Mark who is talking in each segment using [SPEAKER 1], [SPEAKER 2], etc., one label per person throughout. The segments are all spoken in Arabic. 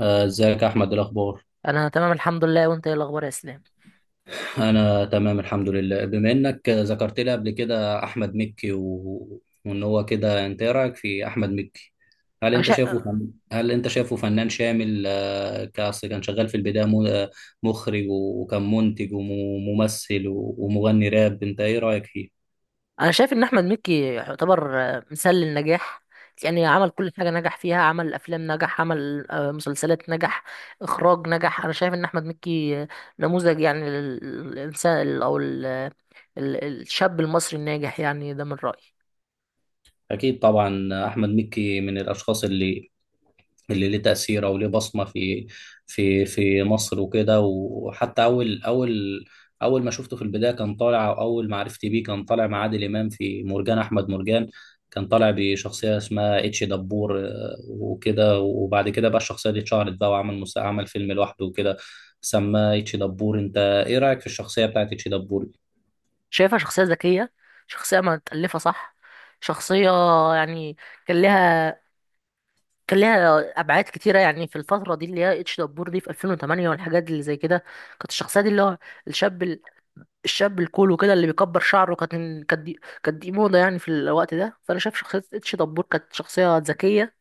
[SPEAKER 1] ازيك يا احمد؟ إيه الاخبار؟
[SPEAKER 2] انا تمام الحمد لله، وانت ايه الاخبار يا اسلام؟
[SPEAKER 1] انا تمام الحمد لله. بما انك ذكرت لي قبل كده احمد مكي و... وان هو كده، انت ايه رايك في احمد مكي؟ هل
[SPEAKER 2] انا
[SPEAKER 1] انت
[SPEAKER 2] شا...
[SPEAKER 1] شايفه فنان شامل؟ كأصل كان شغال في البدايه م... آه، مخرج وكان منتج وممثل ومغني راب. انت ايه رايك فيه؟
[SPEAKER 2] انا شايف ان احمد مكي يعتبر مثال للنجاح. يعني عمل كل حاجه نجح فيها، عمل افلام نجح، عمل مسلسلات نجح، اخراج نجح. انا شايف ان احمد مكي نموذج يعني للانسان او الشاب المصري الناجح يعني، ده من رايي.
[SPEAKER 1] اكيد طبعا احمد مكي من الاشخاص اللي ليه تأثير أو ليه بصمة في مصر وكده. وحتى أول ما شفته في البداية كان طالع، أو أول معرفتي بيه كان طالع مع عادل إمام في مرجان أحمد مرجان. كان طالع بشخصية اسمها اتش دبور، وكده. وبعد كده بقى الشخصية دي اتشهرت بقى وعمل عمل فيلم لوحده وكده، سماه اتش دبور. أنت إيه رأيك في الشخصية بتاعت اتش دبور؟
[SPEAKER 2] شايفها شخصيه ذكيه، شخصيه متالفه، صح. شخصيه يعني كان لها كان ليها ابعاد كتيره يعني في الفتره دي اللي هي اتش دبور دي في 2008 والحاجات اللي زي كده. كانت الشخصيه دي اللي هو الشاب الشاب الكول وكده اللي بيكبر شعره. كانت دي موضه يعني في الوقت ده. فانا شايف شخصيه اتش دبور كانت شخصيه ذكيه،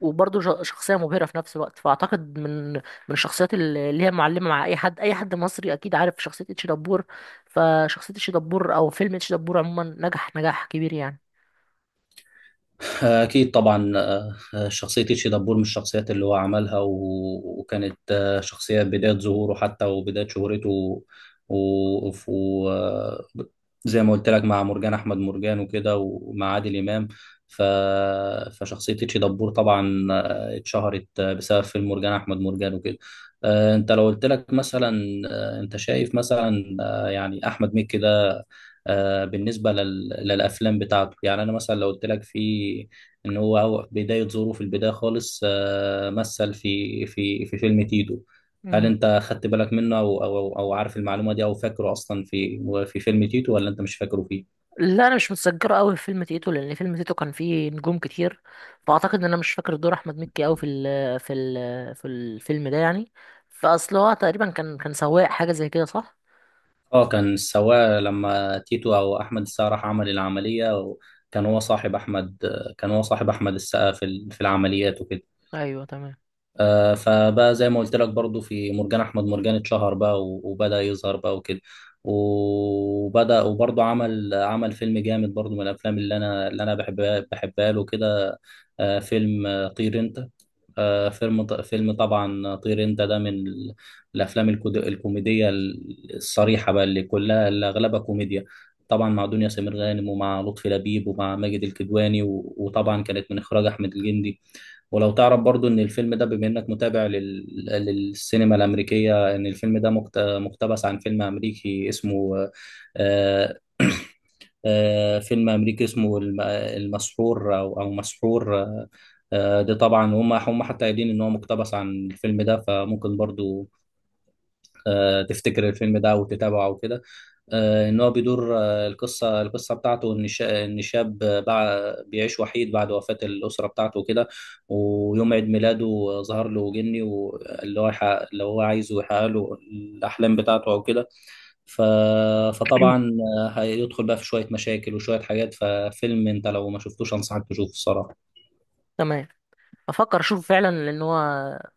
[SPEAKER 2] وبرضه شخصيه مبهره في نفس الوقت. فاعتقد من الشخصيات اللي هي معلمه، مع اي حد مصري اكيد عارف شخصيه اتش دبور. فشخصيه اتش دبور او فيلم اتش دبور عموما نجح نجاح كبير يعني.
[SPEAKER 1] أكيد طبعا، شخصية تيتشي دبور من الشخصيات اللي هو عملها. وكانت شخصية بداية ظهوره حتى وبداية شهرته و... و... و... آه، زي ما قلت لك، مع مرجان أحمد مرجان وكده ومع عادل إمام. ف... فشخصية تيتشي دبور طبعا اتشهرت بسبب فيلم مرجان أحمد مرجان وكده. أنت لو قلت لك مثلا، أنت شايف مثلا يعني أحمد مكي ده، بالنسبة للأفلام بتاعته، يعني أنا مثلا لو قلت لك، إن هو بداية ظهوره في البداية خالص مثل في فيلم تيتو، هل أنت خدت بالك منه أو عارف المعلومة دي أو فاكره أصلا في فيلم تيتو، ولا أنت مش فاكره فيه؟
[SPEAKER 2] لا، انا مش متذكره قوي في فيلم تيتو، لان فيلم تيتو كان فيه نجوم كتير. فاعتقد ان انا مش فاكر دور احمد مكي قوي في الفيلم ده يعني. فاصل هو تقريبا كان سواق حاجه زي كده، صح.
[SPEAKER 1] أه، كان سواء لما تيتو أو أحمد السقا راح عمل العملية، كان هو صاحب أحمد، كان هو صاحب أحمد السقا في العمليات وكده.
[SPEAKER 2] ايوه، تمام.
[SPEAKER 1] فبقى زي ما قلت لك، برضو في مرجان احمد مرجان اتشهر بقى وبدأ يظهر بقى وكده. وبدأ وبرضو عمل فيلم جامد برضو من الافلام اللي انا بحبها له كده، فيلم طير انت. فيلم فيلم طبعا طير انت ده من الافلام الكوميديه الصريحه بقى، اللي كلها اللي اغلبها كوميديا. طبعا مع دنيا سمير غانم ومع لطفي لبيب ومع ماجد الكدواني، وطبعا كانت من اخراج احمد الجندي. ولو تعرف برضو ان الفيلم ده، بما انك متابع للسينما الامريكيه، ان الفيلم ده مقتبس عن فيلم امريكي اسمه آه... فيلم امريكي اسمه المسحور او مسحور. ده طبعا هم حتى قايلين ان هو مقتبس عن الفيلم ده. فممكن برضو تفتكر الفيلم ده وتتابعه وكده. ان هو بيدور، القصه بتاعته ان ان شاب بيعيش وحيد بعد وفاه الاسره بتاعته وكده. ويوم عيد ميلاده ظهر له جني، اللي هو عايزه يحقق له الاحلام بتاعته او كده. ف... فطبعا هيدخل بقى في شويه مشاكل وشويه حاجات. ففيلم انت لو ما شفتوش انصحك تشوفه الصراحه.
[SPEAKER 2] تمام. افكر اشوفه فعلا، لان هو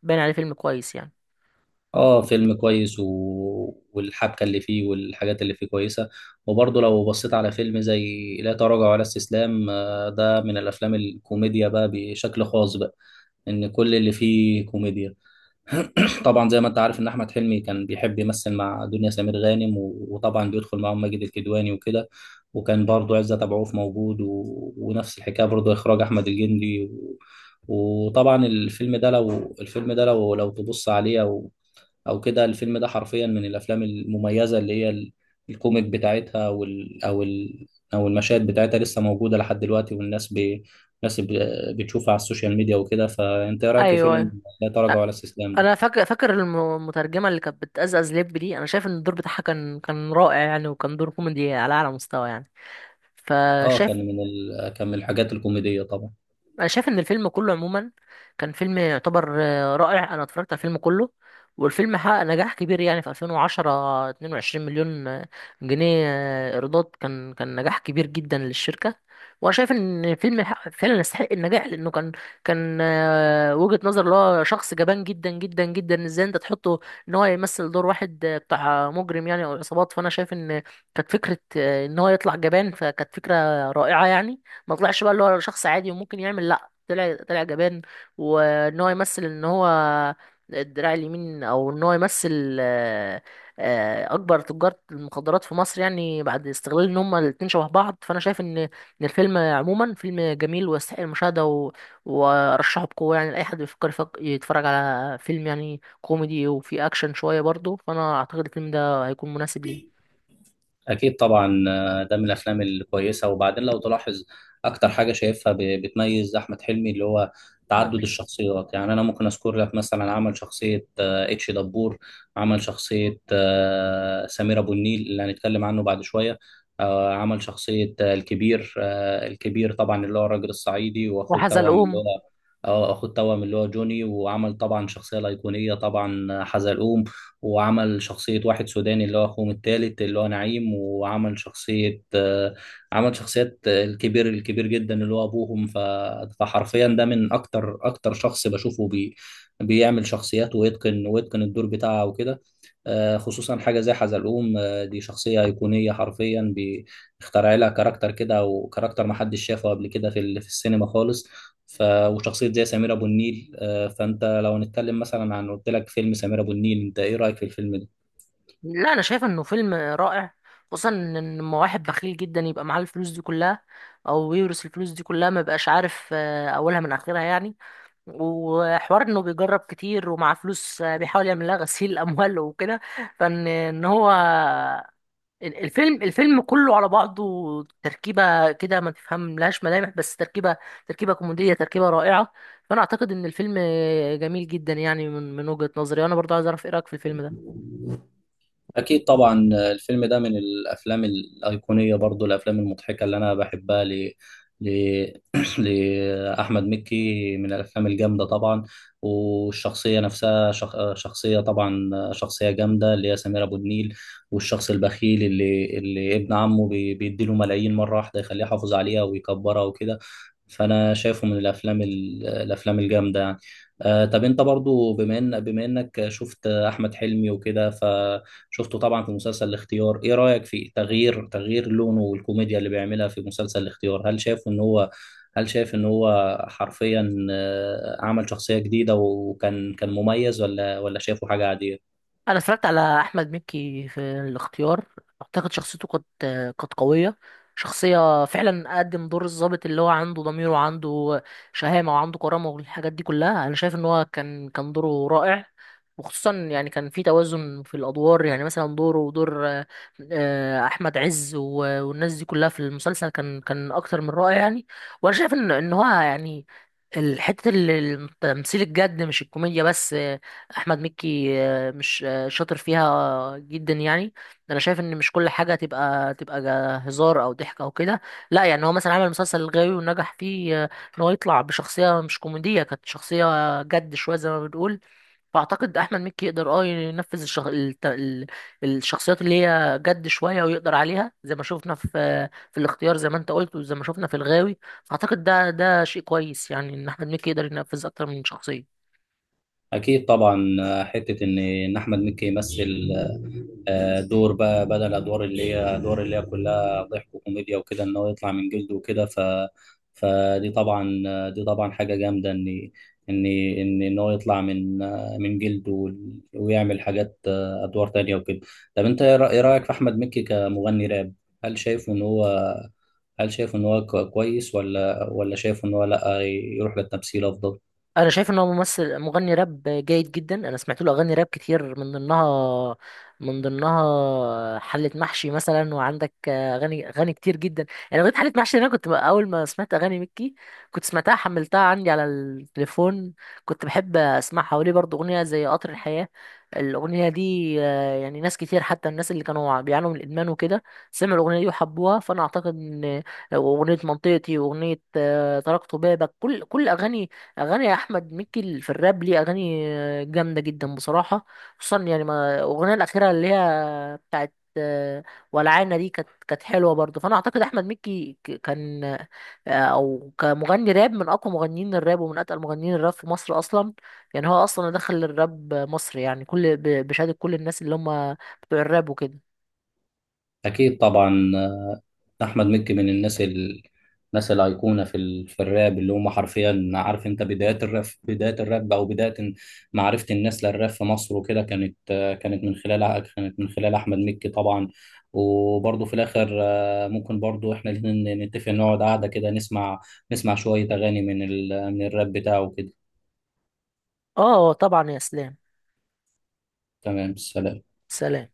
[SPEAKER 2] باين عليه فيلم كويس يعني.
[SPEAKER 1] اه، فيلم كويس والحبكه اللي فيه والحاجات اللي فيه كويسه. وبرضه لو بصيت على فيلم زي لا تراجع ولا استسلام، ده من الافلام الكوميديا بقى، بشكل خاص بقى، ان كل اللي فيه كوميديا. طبعا زي ما انت عارف ان احمد حلمي كان بيحب يمثل مع دنيا سمير غانم، وطبعا بيدخل معاهم ماجد الكدواني وكده. وكان برضه عزت ابو عوف موجود، ونفس الحكايه برضه اخراج احمد الجندي وطبعا الفيلم ده لو الفيلم ده لو تبص عليه او كده، الفيلم ده حرفيا من الافلام المميزه اللي هي الكوميك بتاعتها. وال او ال او المشاهد بتاعتها لسه موجوده لحد دلوقتي، والناس الناس ب... بتشوفها على السوشيال ميديا وكده. فانت ايه رايك في
[SPEAKER 2] ايوه،
[SPEAKER 1] فيلم
[SPEAKER 2] أيوة.
[SPEAKER 1] لا
[SPEAKER 2] أ-
[SPEAKER 1] تراجع ولا استسلام ده؟
[SPEAKER 2] انا فاكر المترجمه اللي كانت بتأزأز لب دي، انا شايف ان الدور بتاعها كان رائع يعني، وكان دور كوميدي على اعلى مستوى يعني.
[SPEAKER 1] اه، كان
[SPEAKER 2] فشايف
[SPEAKER 1] كان من الحاجات الكوميديه طبعا.
[SPEAKER 2] انا شايف ان الفيلم كله عموما كان فيلم يعتبر رائع. انا اتفرجت على الفيلم كله، والفيلم حقق نجاح كبير يعني، في 2010، 22 مليون جنيه ايرادات. كان نجاح كبير جدا للشركة. وانا شايف ان الفيلم فعلا يستحق النجاح، لانه كان كان وجهة نظر اللي هو شخص جبان جدا جدا جدا، ازاي انت تحطه ان هو يمثل دور واحد بتاع مجرم يعني، او عصابات. فانا شايف ان كانت فكرة ان هو يطلع جبان، فكانت فكرة رائعة يعني. ما طلعش بقى اللي هو شخص عادي وممكن يعمل، لا، طلع جبان، وان هو يمثل ان هو الدراع اليمين، او ان هو يمثل اكبر تجار المخدرات في مصر يعني، بعد استغلال ان هما الاتنين شبه بعض. فانا شايف ان الفيلم عموما فيلم جميل ويستحق المشاهده، وارشحه بقوه يعني لاي حد بيفكر يتفرج على فيلم يعني كوميدي وفيه اكشن شويه برضه. فانا اعتقد الفيلم ده هيكون مناسب ليه.
[SPEAKER 1] أكيد طبعا، ده من الأفلام الكويسة. وبعدين لو تلاحظ أكتر حاجة شايفها بتميز أحمد حلمي اللي هو
[SPEAKER 2] احمد
[SPEAKER 1] تعدد
[SPEAKER 2] مكي
[SPEAKER 1] الشخصيات. يعني أنا ممكن أذكر لك مثلا: عمل شخصية اتش دبور، عمل شخصية سمير أبو النيل اللي هنتكلم عنه بعد شوية، عمل شخصية الكبير، الكبير طبعا اللي هو الراجل الصعيدي، وأخوه التوأم اللي
[SPEAKER 2] وحزلقوم.
[SPEAKER 1] هو جوني. وعمل طبعا شخصية الأيقونية طبعا حزلقوم. وعمل شخصية واحد سوداني اللي هو أخوهم التالت اللي هو نعيم. وعمل شخصية آه، عمل شخصيات آه، الكبير الكبير جدا اللي هو أبوهم. فحرفيا ده من أكتر شخص بشوفه بيعمل شخصيات ويتقن الدور بتاعه وكده. خصوصا حاجة زي حزلقوم، دي شخصية أيقونية حرفيا، بيخترع لها كاركتر كده، وكاركتر محدش شافه قبل كده في السينما خالص. وشخصية زي سمير أبو النيل، فأنت لو هنتكلم مثلا عن، قلت لك فيلم سمير أبو النيل، أنت إيه رأيك في الفيلم ده؟
[SPEAKER 2] لا، انا شايف انه فيلم رائع، خصوصا ان لما واحد بخيل جدا يبقى معاه الفلوس دي كلها، او يورث الفلوس دي كلها، ما يبقاش عارف اولها من اخرها يعني. وحوار انه بيجرب كتير، ومع فلوس بيحاول يعمل لها غسيل اموال وكده. فان ان هو ال- الفيلم كله على بعضه، تركيبه كده ما تفهم لهاش ملامح، بس تركيبه كوميديه، تركيبه رائعه. فانا اعتقد ان الفيلم جميل جدا يعني من وجهة نظري، وانا برضه عايز اعرف ايه رايك في الفيلم ده.
[SPEAKER 1] أكيد طبعا، الفيلم ده من الأفلام الأيقونية، برضو الأفلام المضحكة اللي أنا بحبها ل... لأحمد مكي، من الأفلام الجامدة طبعا. والشخصية نفسها شخ... آه، شخصية طبعا آه، شخصية جامدة اللي هي سمير أبو النيل. والشخص البخيل اللي ابن عمه بيديله ملايين مرة واحدة، يخليه يحافظ عليها ويكبرها وكده. فانا شايفه من الافلام الافلام الجامده يعني. آه، طب انت برضو، بما انك شفت احمد حلمي وكده، فشفته طبعا في مسلسل الاختيار، ايه رايك في تغيير لونه والكوميديا اللي بيعملها في مسلسل الاختيار؟ هل شايف ان هو، هل شايف ان هو حرفيا عمل شخصيه جديده وكان مميز، ولا شايفه حاجه عاديه؟
[SPEAKER 2] انا اتفرجت على احمد مكي في الاختيار. اعتقد شخصيته كانت قويه، شخصيه فعلا. قدم دور الضابط اللي هو عنده ضمير، وعنده شهامه، وعنده كرامه، والحاجات دي كلها. انا شايف ان هو كان دوره رائع، وخصوصا يعني كان في توازن في الادوار، يعني مثلا دوره ودور احمد عز والناس دي كلها في المسلسل، كان اكتر من رائع يعني. وانا شايف ان هو يعني، الحته اللي التمثيل الجد مش الكوميديا بس، احمد مكي مش شاطر فيها جدا يعني. انا شايف ان مش كل حاجه تبقى هزار او ضحك او كده، لا، يعني هو مثلا عمل مسلسل الغاوي ونجح فيه، ان هو يطلع بشخصيه مش كوميديه، كانت شخصيه جد شويه زي ما بنقول. فاعتقد احمد مكي يقدر اه ينفذ الشخصيات اللي هي جد شويه، ويقدر عليها زي ما شفنا في الاختيار زي ما انت قلت، وزي ما شفنا في الغاوي. فاعتقد ده شيء كويس يعني، ان احمد مكي يقدر ينفذ اكتر من شخصيه.
[SPEAKER 1] اكيد طبعا، حته ان احمد مكي يمثل دور بقى بدل ادوار اللي هي كلها ضحك وكوميديا وكده، ان هو يطلع من جلده وكده. ف فدي طبعا دي طبعا حاجه جامده ان هو يطلع من من جلده ويعمل حاجات ادوار تانية وكده. طب انت ايه إيه رايك في احمد مكي كمغني راب؟ هل شايفه ان هو، كويس، ولا شايفه ان هو لا، يروح للتمثيل افضل؟
[SPEAKER 2] انا شايف ان هو ممثل مغني راب جيد جدا. انا سمعت له اغاني راب كتير، من ضمنها حلة محشي مثلا، وعندك اغاني كتير جدا يعني. اغنية حلة محشي دي، انا كنت بقى اول ما سمعت اغاني مكي كنت سمعتها، حملتها عندي على التليفون، كنت بحب اسمعها. وليه برضو اغنية زي قطر الحياة، الاغنية دي يعني ناس كتير، حتى الناس اللي كانوا بيعانوا من الادمان وكده سمعوا الاغنية دي وحبوها. فانا اعتقد ان اغنية منطقتي، واغنية تركت بابك، كل اغاني احمد مكي في الراب ليه اغاني جامده جدا بصراحه. خصوصا يعني ما الاغنيه الاخيره اللي هي بتاعت ولعانه دي، كانت حلوه برضه. فانا اعتقد احمد مكي كان او كمغني راب من اقوى مغنيين الراب، ومن اتقل مغنيين الراب في مصر اصلا. يعني هو اصلا دخل الراب مصر يعني، كل بشهاده كل الناس اللي هم بتوع الراب وكده.
[SPEAKER 1] أكيد طبعا، أحمد مكي من الناس الناس الأيقونة في الراب، اللي هم حرفيا، عارف أنت بدايات الراب، بداية الراب أو بداية معرفة الناس للراب في مصر وكده، كانت كانت من خلال أحمد مكي طبعا. وبرضه في الآخر ممكن برضه إحنا الاتنين نتفق نقعد قعدة كده، نسمع شوية أغاني من الراب بتاعه كده.
[SPEAKER 2] اه، طبعا يا اسلام.
[SPEAKER 1] تمام، سلام.
[SPEAKER 2] سلام.